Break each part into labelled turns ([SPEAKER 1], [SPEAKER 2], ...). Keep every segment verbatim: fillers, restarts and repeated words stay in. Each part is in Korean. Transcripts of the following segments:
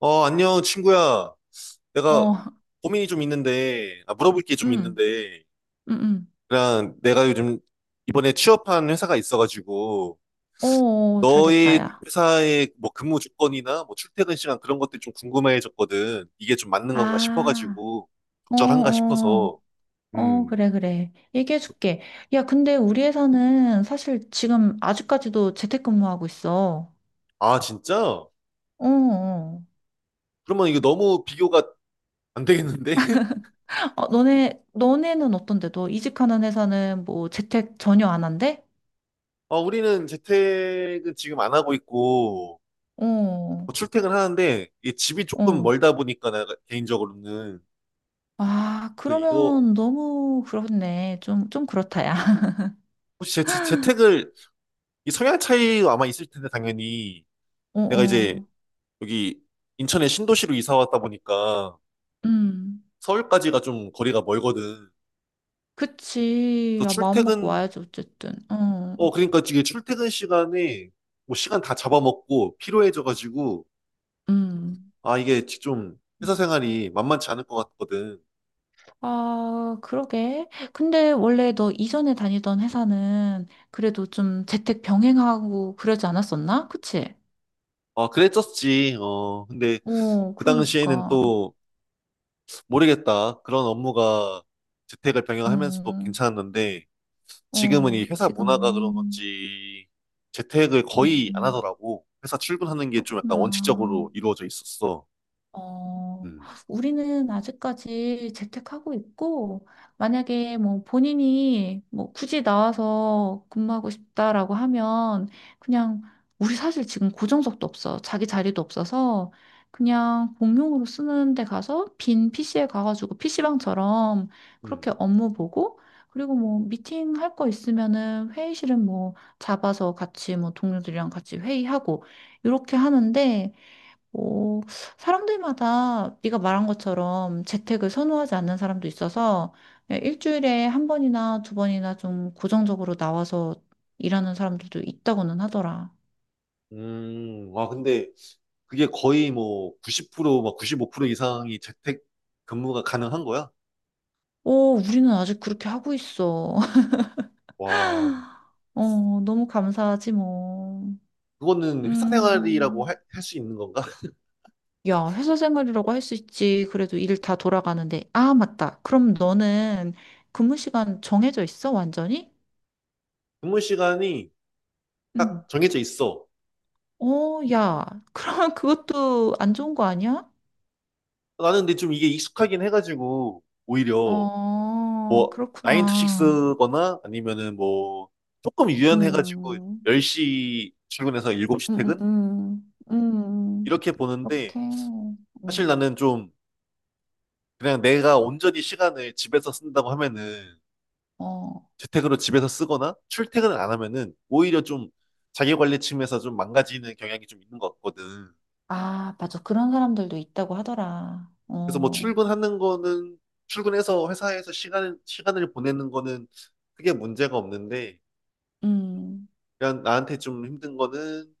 [SPEAKER 1] 어, 안녕, 친구야. 내가
[SPEAKER 2] 어,
[SPEAKER 1] 고민이 좀 있는데, 아, 물어볼 게 좀
[SPEAKER 2] 음,
[SPEAKER 1] 있는데,
[SPEAKER 2] 음, 음.
[SPEAKER 1] 그냥 내가 요즘 이번에 취업한 회사가 있어가지고,
[SPEAKER 2] 어, 어, 잘 됐다,
[SPEAKER 1] 너의
[SPEAKER 2] 야.
[SPEAKER 1] 회사의 뭐 근무 조건이나 뭐 출퇴근 시간 그런 것들이 좀 궁금해졌거든. 이게 좀 맞는 건가
[SPEAKER 2] 아,
[SPEAKER 1] 싶어가지고,
[SPEAKER 2] 어,
[SPEAKER 1] 적절한가
[SPEAKER 2] 어,
[SPEAKER 1] 싶어서.
[SPEAKER 2] 어,
[SPEAKER 1] 음.
[SPEAKER 2] 그래, 그래. 얘기해줄게. 야, 근데 우리 회사는 사실 지금 아직까지도 재택근무하고 있어.
[SPEAKER 1] 아, 진짜?
[SPEAKER 2] 어, 어.
[SPEAKER 1] 그러면 이거 너무 비교가 안 되겠는데?
[SPEAKER 2] 어, 너네, 너네는 어떤데? 너 이직하는 회사는 뭐 재택 전혀 안 한대?
[SPEAKER 1] 어, 우리는 재택은 지금 안 하고 있고, 뭐
[SPEAKER 2] 어,
[SPEAKER 1] 출퇴근하는데, 이 집이 조금
[SPEAKER 2] 어.
[SPEAKER 1] 멀다 보니까, 내가 개인적으로는.
[SPEAKER 2] 아,
[SPEAKER 1] 그래서 이거
[SPEAKER 2] 그러면 너무 그렇네. 좀, 좀 그렇다, 야.
[SPEAKER 1] 혹시 재, 재- 재택을, 이 성향 차이가 아마 있을 텐데, 당연히
[SPEAKER 2] 어,
[SPEAKER 1] 내가 이제
[SPEAKER 2] 어.
[SPEAKER 1] 여기 인천의 신도시로 이사 왔다 보니까
[SPEAKER 2] 음.
[SPEAKER 1] 서울까지가 좀 거리가 멀거든.
[SPEAKER 2] 그치.
[SPEAKER 1] 그래서
[SPEAKER 2] 야, 마음 먹고
[SPEAKER 1] 출퇴근,
[SPEAKER 2] 와야지, 어쨌든. 어.
[SPEAKER 1] 어 그러니까 이게 출퇴근 시간에 뭐 시간 다 잡아먹고 피로해져가지고
[SPEAKER 2] 음.
[SPEAKER 1] 아 이게 좀 회사 생활이 만만치 않을 것 같거든.
[SPEAKER 2] 아, 그러게. 근데 원래 너 이전에 다니던 회사는 그래도 좀 재택 병행하고 그러지 않았었나? 그치?
[SPEAKER 1] 아, 그랬었지. 어 근데
[SPEAKER 2] 어,
[SPEAKER 1] 그 당시에는
[SPEAKER 2] 그러니까.
[SPEAKER 1] 또 모르겠다. 그런 업무가 재택을 병행하면서도
[SPEAKER 2] 어,
[SPEAKER 1] 괜찮았는데. 지금은
[SPEAKER 2] 어,
[SPEAKER 1] 이 회사 문화가 그런
[SPEAKER 2] 지금은.
[SPEAKER 1] 건지 재택을 거의 안
[SPEAKER 2] 음,
[SPEAKER 1] 하더라고. 회사 출근하는 게 좀 약간
[SPEAKER 2] 그렇구나.
[SPEAKER 1] 원칙적으로 이루어져 있었어.
[SPEAKER 2] 어,
[SPEAKER 1] 음.
[SPEAKER 2] 우리는 아직까지 재택하고 있고, 만약에 뭐 본인이 뭐 굳이 나와서 근무하고 싶다라고 하면, 그냥 우리 사실 지금 고정석도 없어. 자기 자리도 없어서, 그냥 공용으로 쓰는 데 가서 빈 피시에 가가지고 피시방처럼 그렇게
[SPEAKER 1] 음.
[SPEAKER 2] 업무 보고, 그리고 뭐 미팅 할 거 있으면은 회의실은 뭐 잡아서 같이 뭐 동료들이랑 같이 회의하고, 이렇게 하는데, 어, 사람들마다 네가 말한 것처럼 재택을 선호하지 않는 사람도 있어서 일주일에 한 번이나 두 번이나 좀 고정적으로 나와서 일하는 사람들도 있다고는 하더라.
[SPEAKER 1] 음. 와, 근데 그게 거의 뭐 구십 프로, 막 구십오 프로 이상이 재택 근무가 가능한 거야?
[SPEAKER 2] 오, 우리는 아직 그렇게 하고 있어.
[SPEAKER 1] 와,
[SPEAKER 2] 어, 너무 감사하지 뭐.
[SPEAKER 1] 그거는 회사 생활이라고
[SPEAKER 2] 음,
[SPEAKER 1] 할 수 있는 건가?
[SPEAKER 2] 야, 회사 생활이라고 할 수 있지. 그래도 일 다 돌아가는데. 아, 맞다. 그럼 너는 근무 시간 정해져 있어, 완전히?
[SPEAKER 1] 근무 시간이
[SPEAKER 2] 응.
[SPEAKER 1] 딱 정해져 있어.
[SPEAKER 2] 어, 야, 그러면 그것도 안 좋은 거 아니야?
[SPEAKER 1] 나는 근데 좀 이게 익숙하긴 해가지고 오히려
[SPEAKER 2] 어,
[SPEAKER 1] 뭐, 나인 to
[SPEAKER 2] 그렇구나.
[SPEAKER 1] 식스거나 아니면은 뭐, 조금 유연해가지고
[SPEAKER 2] 음,
[SPEAKER 1] 열 시 출근해서 일곱 시
[SPEAKER 2] 음,
[SPEAKER 1] 퇴근?
[SPEAKER 2] 음, 음, 음.
[SPEAKER 1] 이렇게 보는데,
[SPEAKER 2] 그렇게,
[SPEAKER 1] 사실
[SPEAKER 2] 음,
[SPEAKER 1] 나는 좀 그냥 내가 온전히 시간을 집에서 쓴다고 하면은
[SPEAKER 2] 어,
[SPEAKER 1] 재택으로 집에서 쓰거나 출퇴근을 안 하면은 오히려 좀 자기 관리 측면에서 좀 망가지는 경향이 좀 있는 것 같거든.
[SPEAKER 2] 아, 맞아. 그런 사람들도 있다고 하더라.
[SPEAKER 1] 그래서 뭐
[SPEAKER 2] 어,
[SPEAKER 1] 출근하는 거는 출근해서 회사에서 시간, 시간을 보내는 거는 크게 문제가 없는데,
[SPEAKER 2] 음,
[SPEAKER 1] 그냥 나한테 좀 힘든 거는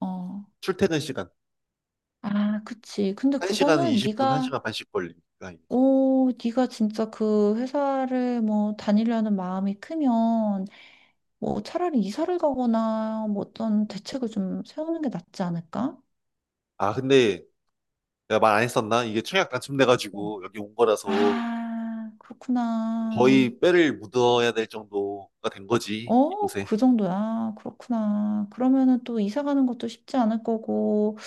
[SPEAKER 2] 어.
[SPEAKER 1] 출퇴근 시간.
[SPEAKER 2] 아, 그치. 근데
[SPEAKER 1] 한 시간은
[SPEAKER 2] 그거는
[SPEAKER 1] 이십 분,
[SPEAKER 2] 네가,
[SPEAKER 1] 한 시간 반씩 걸리니까.
[SPEAKER 2] 오, 네가 진짜 그 회사를 뭐 다니려는 마음이 크면 뭐 차라리 이사를 가거나 뭐 어떤 대책을 좀 세우는 게 낫지 않을까?
[SPEAKER 1] 아, 근데 내가 말 안 했었나? 이게 청약
[SPEAKER 2] 어,
[SPEAKER 1] 당첨돼가지고 여기 온 거라서
[SPEAKER 2] 아, 그렇구나.
[SPEAKER 1] 거의 뼈를 묻어야 될 정도가 된 거지,
[SPEAKER 2] 어,
[SPEAKER 1] 이곳에.
[SPEAKER 2] 그 정도야. 그렇구나. 그러면은 또 이사 가는 것도 쉽지 않을 거고,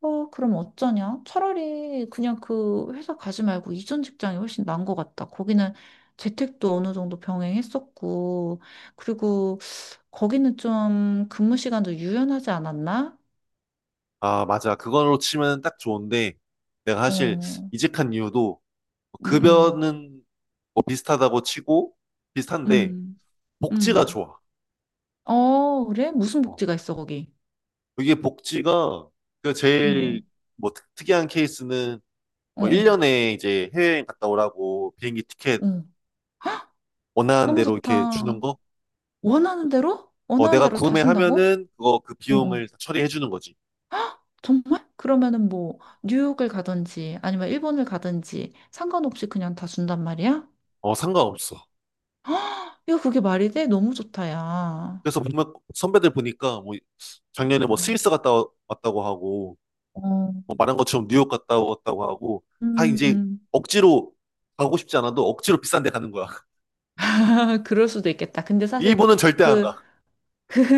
[SPEAKER 2] 어, 그럼 어쩌냐? 차라리 그냥 그 회사 가지 말고 이전 직장이 훨씬 나은 것 같다. 거기는 재택도 어느 정도 병행했었고, 그리고 거기는 좀 근무 시간도 유연하지 않았나?
[SPEAKER 1] 아, 맞아. 그걸로 치면 딱 좋은데 내가 사실
[SPEAKER 2] 어,
[SPEAKER 1] 이직한 이유도 뭐
[SPEAKER 2] 음, 음,
[SPEAKER 1] 급여는 뭐 비슷하다고 치고, 비슷한데
[SPEAKER 2] 음, 음.
[SPEAKER 1] 복지가 좋아.
[SPEAKER 2] 어, 그래? 무슨
[SPEAKER 1] 어.
[SPEAKER 2] 복지가 있어, 거기?
[SPEAKER 1] 이게 복지가, 그
[SPEAKER 2] 어,
[SPEAKER 1] 제일 뭐 특- 특이한 케이스는
[SPEAKER 2] 어,
[SPEAKER 1] 뭐
[SPEAKER 2] 어.
[SPEAKER 1] 일 년에 이제 해외여행 갔다 오라고 비행기 티켓
[SPEAKER 2] 어.
[SPEAKER 1] 원하는
[SPEAKER 2] 너무
[SPEAKER 1] 대로 이렇게 주는
[SPEAKER 2] 좋다.
[SPEAKER 1] 거?
[SPEAKER 2] 원하는 대로?
[SPEAKER 1] 어,
[SPEAKER 2] 원하는
[SPEAKER 1] 내가
[SPEAKER 2] 대로 다 준다고?
[SPEAKER 1] 구매하면은 그거 그
[SPEAKER 2] 어, 어.
[SPEAKER 1] 비용을 다 처리해 주는 거지.
[SPEAKER 2] 정말? 그러면은 뭐, 뉴욕을 가든지, 아니면 일본을 가든지, 상관없이 그냥 다 준단 말이야?
[SPEAKER 1] 어, 상관없어.
[SPEAKER 2] 야, 그게 말이 돼? 너무 좋다, 야.
[SPEAKER 1] 그래서 보면 선배들 보니까 뭐 작년에 뭐
[SPEAKER 2] 음.
[SPEAKER 1] 스위스 갔다 와- 왔다고 하고,
[SPEAKER 2] 어.
[SPEAKER 1] 뭐 말한 것처럼 뉴욕 갔다 왔다고 하고, 다 이제
[SPEAKER 2] 음.
[SPEAKER 1] 억지로, 가고 싶지 않아도 억지로 비싼 데 가는 거야.
[SPEAKER 2] 아, 그럴 수도 있겠다. 근데 사실
[SPEAKER 1] 일본은 절대 안
[SPEAKER 2] 그,
[SPEAKER 1] 가.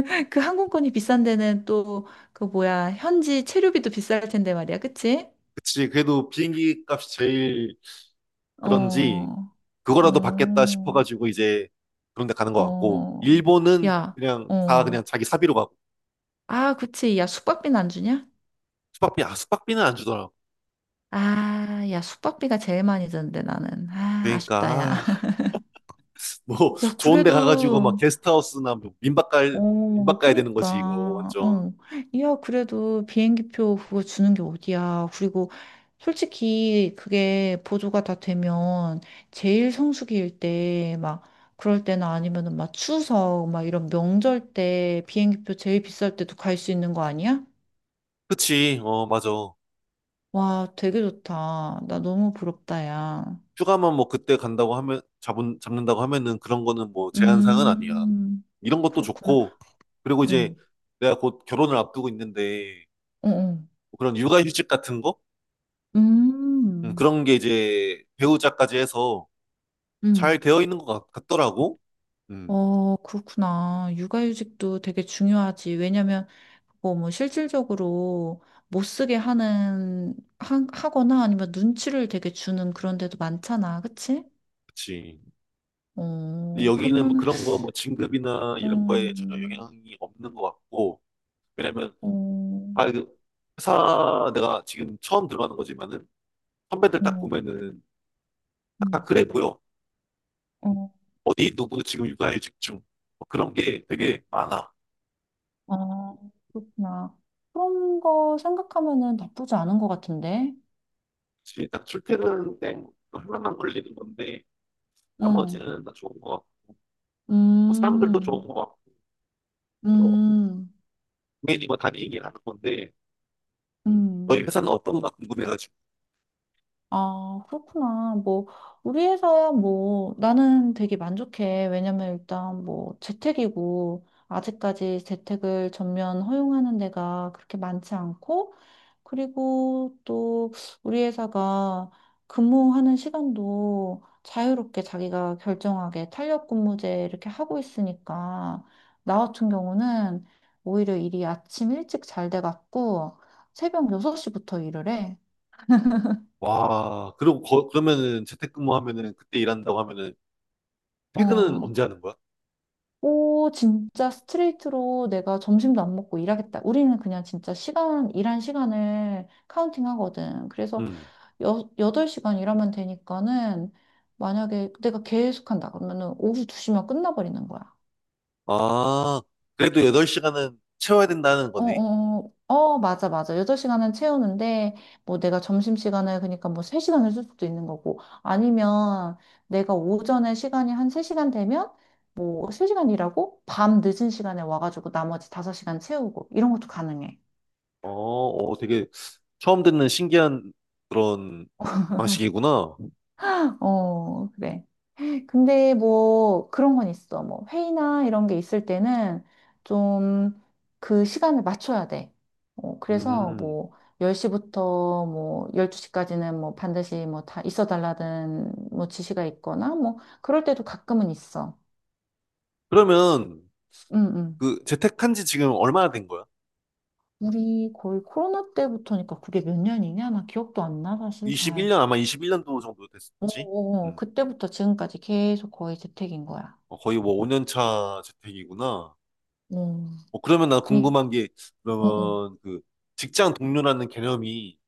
[SPEAKER 2] 그 항공권이 비싼 데는 또, 그 뭐야, 현지 체류비도 비쌀 텐데 말이야. 그치?
[SPEAKER 1] 그치. 그래도 비행기 값이 제일 그런지
[SPEAKER 2] 어.
[SPEAKER 1] 그거라도 받겠다
[SPEAKER 2] 어,
[SPEAKER 1] 싶어가지고, 이제 그런 데 가는 것 같고,
[SPEAKER 2] 어,
[SPEAKER 1] 일본은
[SPEAKER 2] 야,
[SPEAKER 1] 그냥 다
[SPEAKER 2] 어.
[SPEAKER 1] 그냥 자기 사비로 가고.
[SPEAKER 2] 아, 그치. 야, 숙박비는 안 주냐?
[SPEAKER 1] 숙박비, 아, 숙박비는 안 주더라고.
[SPEAKER 2] 아, 야, 숙박비가 제일 많이 드는데, 나는. 아,
[SPEAKER 1] 그러니까,
[SPEAKER 2] 아쉽다, 야.
[SPEAKER 1] 아, 뭐
[SPEAKER 2] 야,
[SPEAKER 1] 좋은 데 가가지고 막
[SPEAKER 2] 그래도,
[SPEAKER 1] 게스트하우스나 뭐 민박 갈 민박
[SPEAKER 2] 어,
[SPEAKER 1] 가야 되는 거지, 이거
[SPEAKER 2] 그니까,
[SPEAKER 1] 완전.
[SPEAKER 2] 어. 야, 그래도 비행기표 그거 주는 게 어디야. 그리고 솔직히 그게 보조가 다 되면 제일 성수기일 때, 막, 그럴 때나 아니면은 막 추석, 막 이런 명절 때 비행기표 제일 비쌀 때도 갈 수 있는 거 아니야?
[SPEAKER 1] 그치. 어, 맞아.
[SPEAKER 2] 와, 되게 좋다. 나 너무 부럽다, 야.
[SPEAKER 1] 휴가만, 뭐 그때 간다고 하면, 잡은 잡는다고 하면은 그런 거는 뭐 제한사항은 아니야.
[SPEAKER 2] 음,
[SPEAKER 1] 이런 것도
[SPEAKER 2] 그렇구나.
[SPEAKER 1] 좋고, 그리고 이제
[SPEAKER 2] 응,
[SPEAKER 1] 내가 곧 결혼을 앞두고 있는데
[SPEAKER 2] 응,
[SPEAKER 1] 뭐 그런 육아휴직 같은 거.
[SPEAKER 2] 응.
[SPEAKER 1] 음,
[SPEAKER 2] 음,
[SPEAKER 1] 그런 게 이제 배우자까지 해서 잘
[SPEAKER 2] 음.
[SPEAKER 1] 되어 있는 것 같, 같더라고 음.
[SPEAKER 2] 어, 그렇구나. 육아휴직도 되게 중요하지. 왜냐면, 그거 뭐 실질적으로 못 쓰게 하는, 하, 하거나 아니면 눈치를 되게 주는 그런 데도 많잖아. 그치?
[SPEAKER 1] 그치. 근데
[SPEAKER 2] 어,
[SPEAKER 1] 여기는 뭐
[SPEAKER 2] 그러면은,
[SPEAKER 1] 그런 거, 뭐 진급이나 이런 거에 전혀
[SPEAKER 2] 음,
[SPEAKER 1] 영향이 없는 것 같고. 왜냐면,
[SPEAKER 2] 어, 어,
[SPEAKER 1] 아, 그 회사 내가 지금 처음 들어가는 거지만은 선배들 딱 보면은 딱, 다
[SPEAKER 2] 음,
[SPEAKER 1] 그래 보여.
[SPEAKER 2] 어.
[SPEAKER 1] 어디 누구 지금 육아에 집중. 뭐 그런 게 되게 많아.
[SPEAKER 2] 아, 그렇구나. 그런 거 생각하면은 나쁘지 않은 것 같은데.
[SPEAKER 1] 지금 딱 출퇴근 때 하나만 걸리는 건데
[SPEAKER 2] 응.
[SPEAKER 1] 나머지는 다 좋은 거 같고, 뭐 사람들도 좋은
[SPEAKER 2] 음,
[SPEAKER 1] 거 같고, 또
[SPEAKER 2] 음,
[SPEAKER 1] 동행이 뭐다 얘기를 하는 건데. 음, 너희
[SPEAKER 2] 음.
[SPEAKER 1] 회사는 어떤가 궁금해가지고.
[SPEAKER 2] 아, 그렇구나. 뭐, 우리 회사야 뭐, 나는 되게 만족해. 왜냐면 일단 뭐, 재택이고, 아직까지 재택을 전면 허용하는 데가 그렇게 많지 않고, 그리고 또 우리 회사가 근무하는 시간도 자유롭게 자기가 결정하게 탄력 근무제 이렇게 하고 있으니까 나 같은 경우는 오히려 일이 아침 일찍 잘 돼갖고 새벽 여섯 시부터 일을 해.
[SPEAKER 1] 와, 그리고 거- 그러면은 재택근무하면은, 그때 일한다고 하면은 퇴근은 언제
[SPEAKER 2] 어,
[SPEAKER 1] 하는 거야?
[SPEAKER 2] 오, 진짜 스트레이트로 내가 점심도 안 먹고 일하겠다. 우리는 그냥 진짜 시간, 일한 시간을 카운팅 하거든. 그래서
[SPEAKER 1] 음.
[SPEAKER 2] 여, 여덟 시간 일하면 되니까는 만약에 내가 계속 한다 그러면은 오후 두 시면 끝나버리는 거야.
[SPEAKER 1] 아, 그래도 여덟 시간은 채워야 된다는
[SPEAKER 2] 어,
[SPEAKER 1] 거네.
[SPEAKER 2] 어, 어, 어, 맞아, 맞아. 여덟 시간은 채우는데 뭐 내가 점심시간을 그러니까 뭐 세 시간을 쓸 수도 있는 거고 아니면 내가 오전에 시간이 한 세 시간 되면 뭐 세 시간 일하고 밤 늦은 시간에 와가지고 나머지 다섯 시간 채우고 이런 것도 가능해.
[SPEAKER 1] 어, 어, 되게 처음 듣는 신기한 그런 방식이구나.
[SPEAKER 2] 어, 그래. 근데 뭐 그런 건 있어. 뭐 회의나 이런 게 있을 때는 좀 그 시간을 맞춰야 돼. 어, 그래서
[SPEAKER 1] 음.
[SPEAKER 2] 뭐 열 시부터 뭐 열두 시까지는 뭐 반드시 뭐 다 있어 달라는 뭐 지시가 있거나 뭐 그럴 때도 가끔은 있어.
[SPEAKER 1] 그러면
[SPEAKER 2] 응, 응.
[SPEAKER 1] 그 재택한 지 지금 얼마나 된 거야?
[SPEAKER 2] 우리 거의 코로나 때부터니까 그게 몇 년이냐? 나 기억도 안 나, 사실 잘.
[SPEAKER 1] 이십일 년, 아마 이십일 년도 정도
[SPEAKER 2] 어,
[SPEAKER 1] 됐었지?
[SPEAKER 2] 어, 어.
[SPEAKER 1] 음.
[SPEAKER 2] 그때부터 지금까지 계속 거의 재택인 거야.
[SPEAKER 1] 어, 거의 뭐 오 년 차 재택이구나.
[SPEAKER 2] 어,
[SPEAKER 1] 어, 그러면 나
[SPEAKER 2] 그니,
[SPEAKER 1] 궁금한 게,
[SPEAKER 2] 어, 어.
[SPEAKER 1] 그러면 그 직장 동료라는 개념이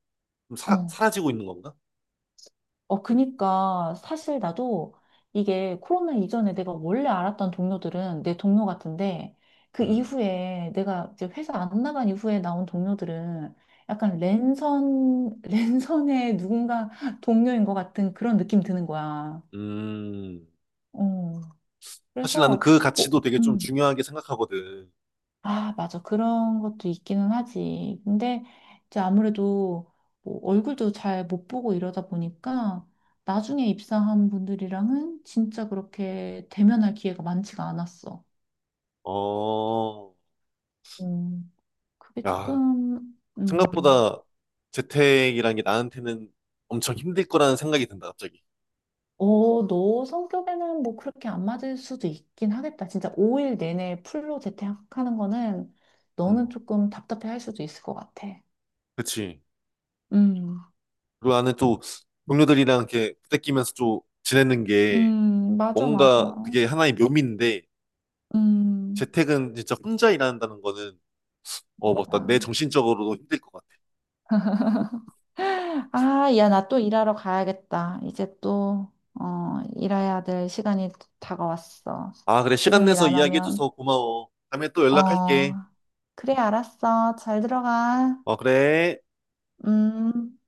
[SPEAKER 1] 좀 사,
[SPEAKER 2] 어.
[SPEAKER 1] 사라지고 있는 건가?
[SPEAKER 2] 어, 그니까 사실 나도 이게 코로나 이전에 내가 원래 알았던 동료들은 내 동료 같은데 그
[SPEAKER 1] 음.
[SPEAKER 2] 이후에 내가 이제 회사 안 나간 이후에 나온 동료들은 약간 랜선, 랜선의 누군가 동료인 것 같은 그런 느낌 드는 거야.
[SPEAKER 1] 음.
[SPEAKER 2] 어,
[SPEAKER 1] 사실 나는
[SPEAKER 2] 그래서
[SPEAKER 1] 그
[SPEAKER 2] 뭐,
[SPEAKER 1] 가치도 되게 좀
[SPEAKER 2] 음.
[SPEAKER 1] 중요하게 생각하거든.
[SPEAKER 2] 아, 맞아. 그런 것도 있기는 하지. 근데 이제 아무래도 뭐 얼굴도 잘 못 보고 이러다 보니까 나중에 입사한 분들이랑은 진짜 그렇게 대면할 기회가 많지가 않았어.
[SPEAKER 1] 어.
[SPEAKER 2] 음, 그게
[SPEAKER 1] 야,
[SPEAKER 2] 조금, 음,
[SPEAKER 1] 생각보다 재택이란 게 나한테는 엄청 힘들 거라는 생각이 든다, 갑자기.
[SPEAKER 2] 어, 너 성격에는 뭐 그렇게 안 맞을 수도 있긴 하겠다. 진짜 오 일 내내 풀로 재택하는 거는
[SPEAKER 1] 음.
[SPEAKER 2] 너는 조금 답답해 할 수도 있을 것 같아.
[SPEAKER 1] 그치.
[SPEAKER 2] 음,
[SPEAKER 1] 그리고 나는 또 동료들이랑 이렇게 부대끼면서 또 지내는 게
[SPEAKER 2] 음, 맞아, 맞아.
[SPEAKER 1] 뭔가 그게 하나의 묘미인데,
[SPEAKER 2] 음.
[SPEAKER 1] 재택은 진짜 혼자 일한다는 거는, 어, 맞다, 내
[SPEAKER 2] 아.
[SPEAKER 1] 정신적으로도 힘들 것 같아.
[SPEAKER 2] 아, 야, 나 또 일하러 가야겠다. 이제 또, 어, 일해야 될 시간이 다가왔어.
[SPEAKER 1] 아, 그래. 시간
[SPEAKER 2] 지금 일
[SPEAKER 1] 내서
[SPEAKER 2] 안 하면,
[SPEAKER 1] 이야기해줘서 고마워. 다음에 또
[SPEAKER 2] 어,
[SPEAKER 1] 연락할게.
[SPEAKER 2] 그래, 알았어. 잘 들어가.
[SPEAKER 1] 어, 그래.
[SPEAKER 2] 음.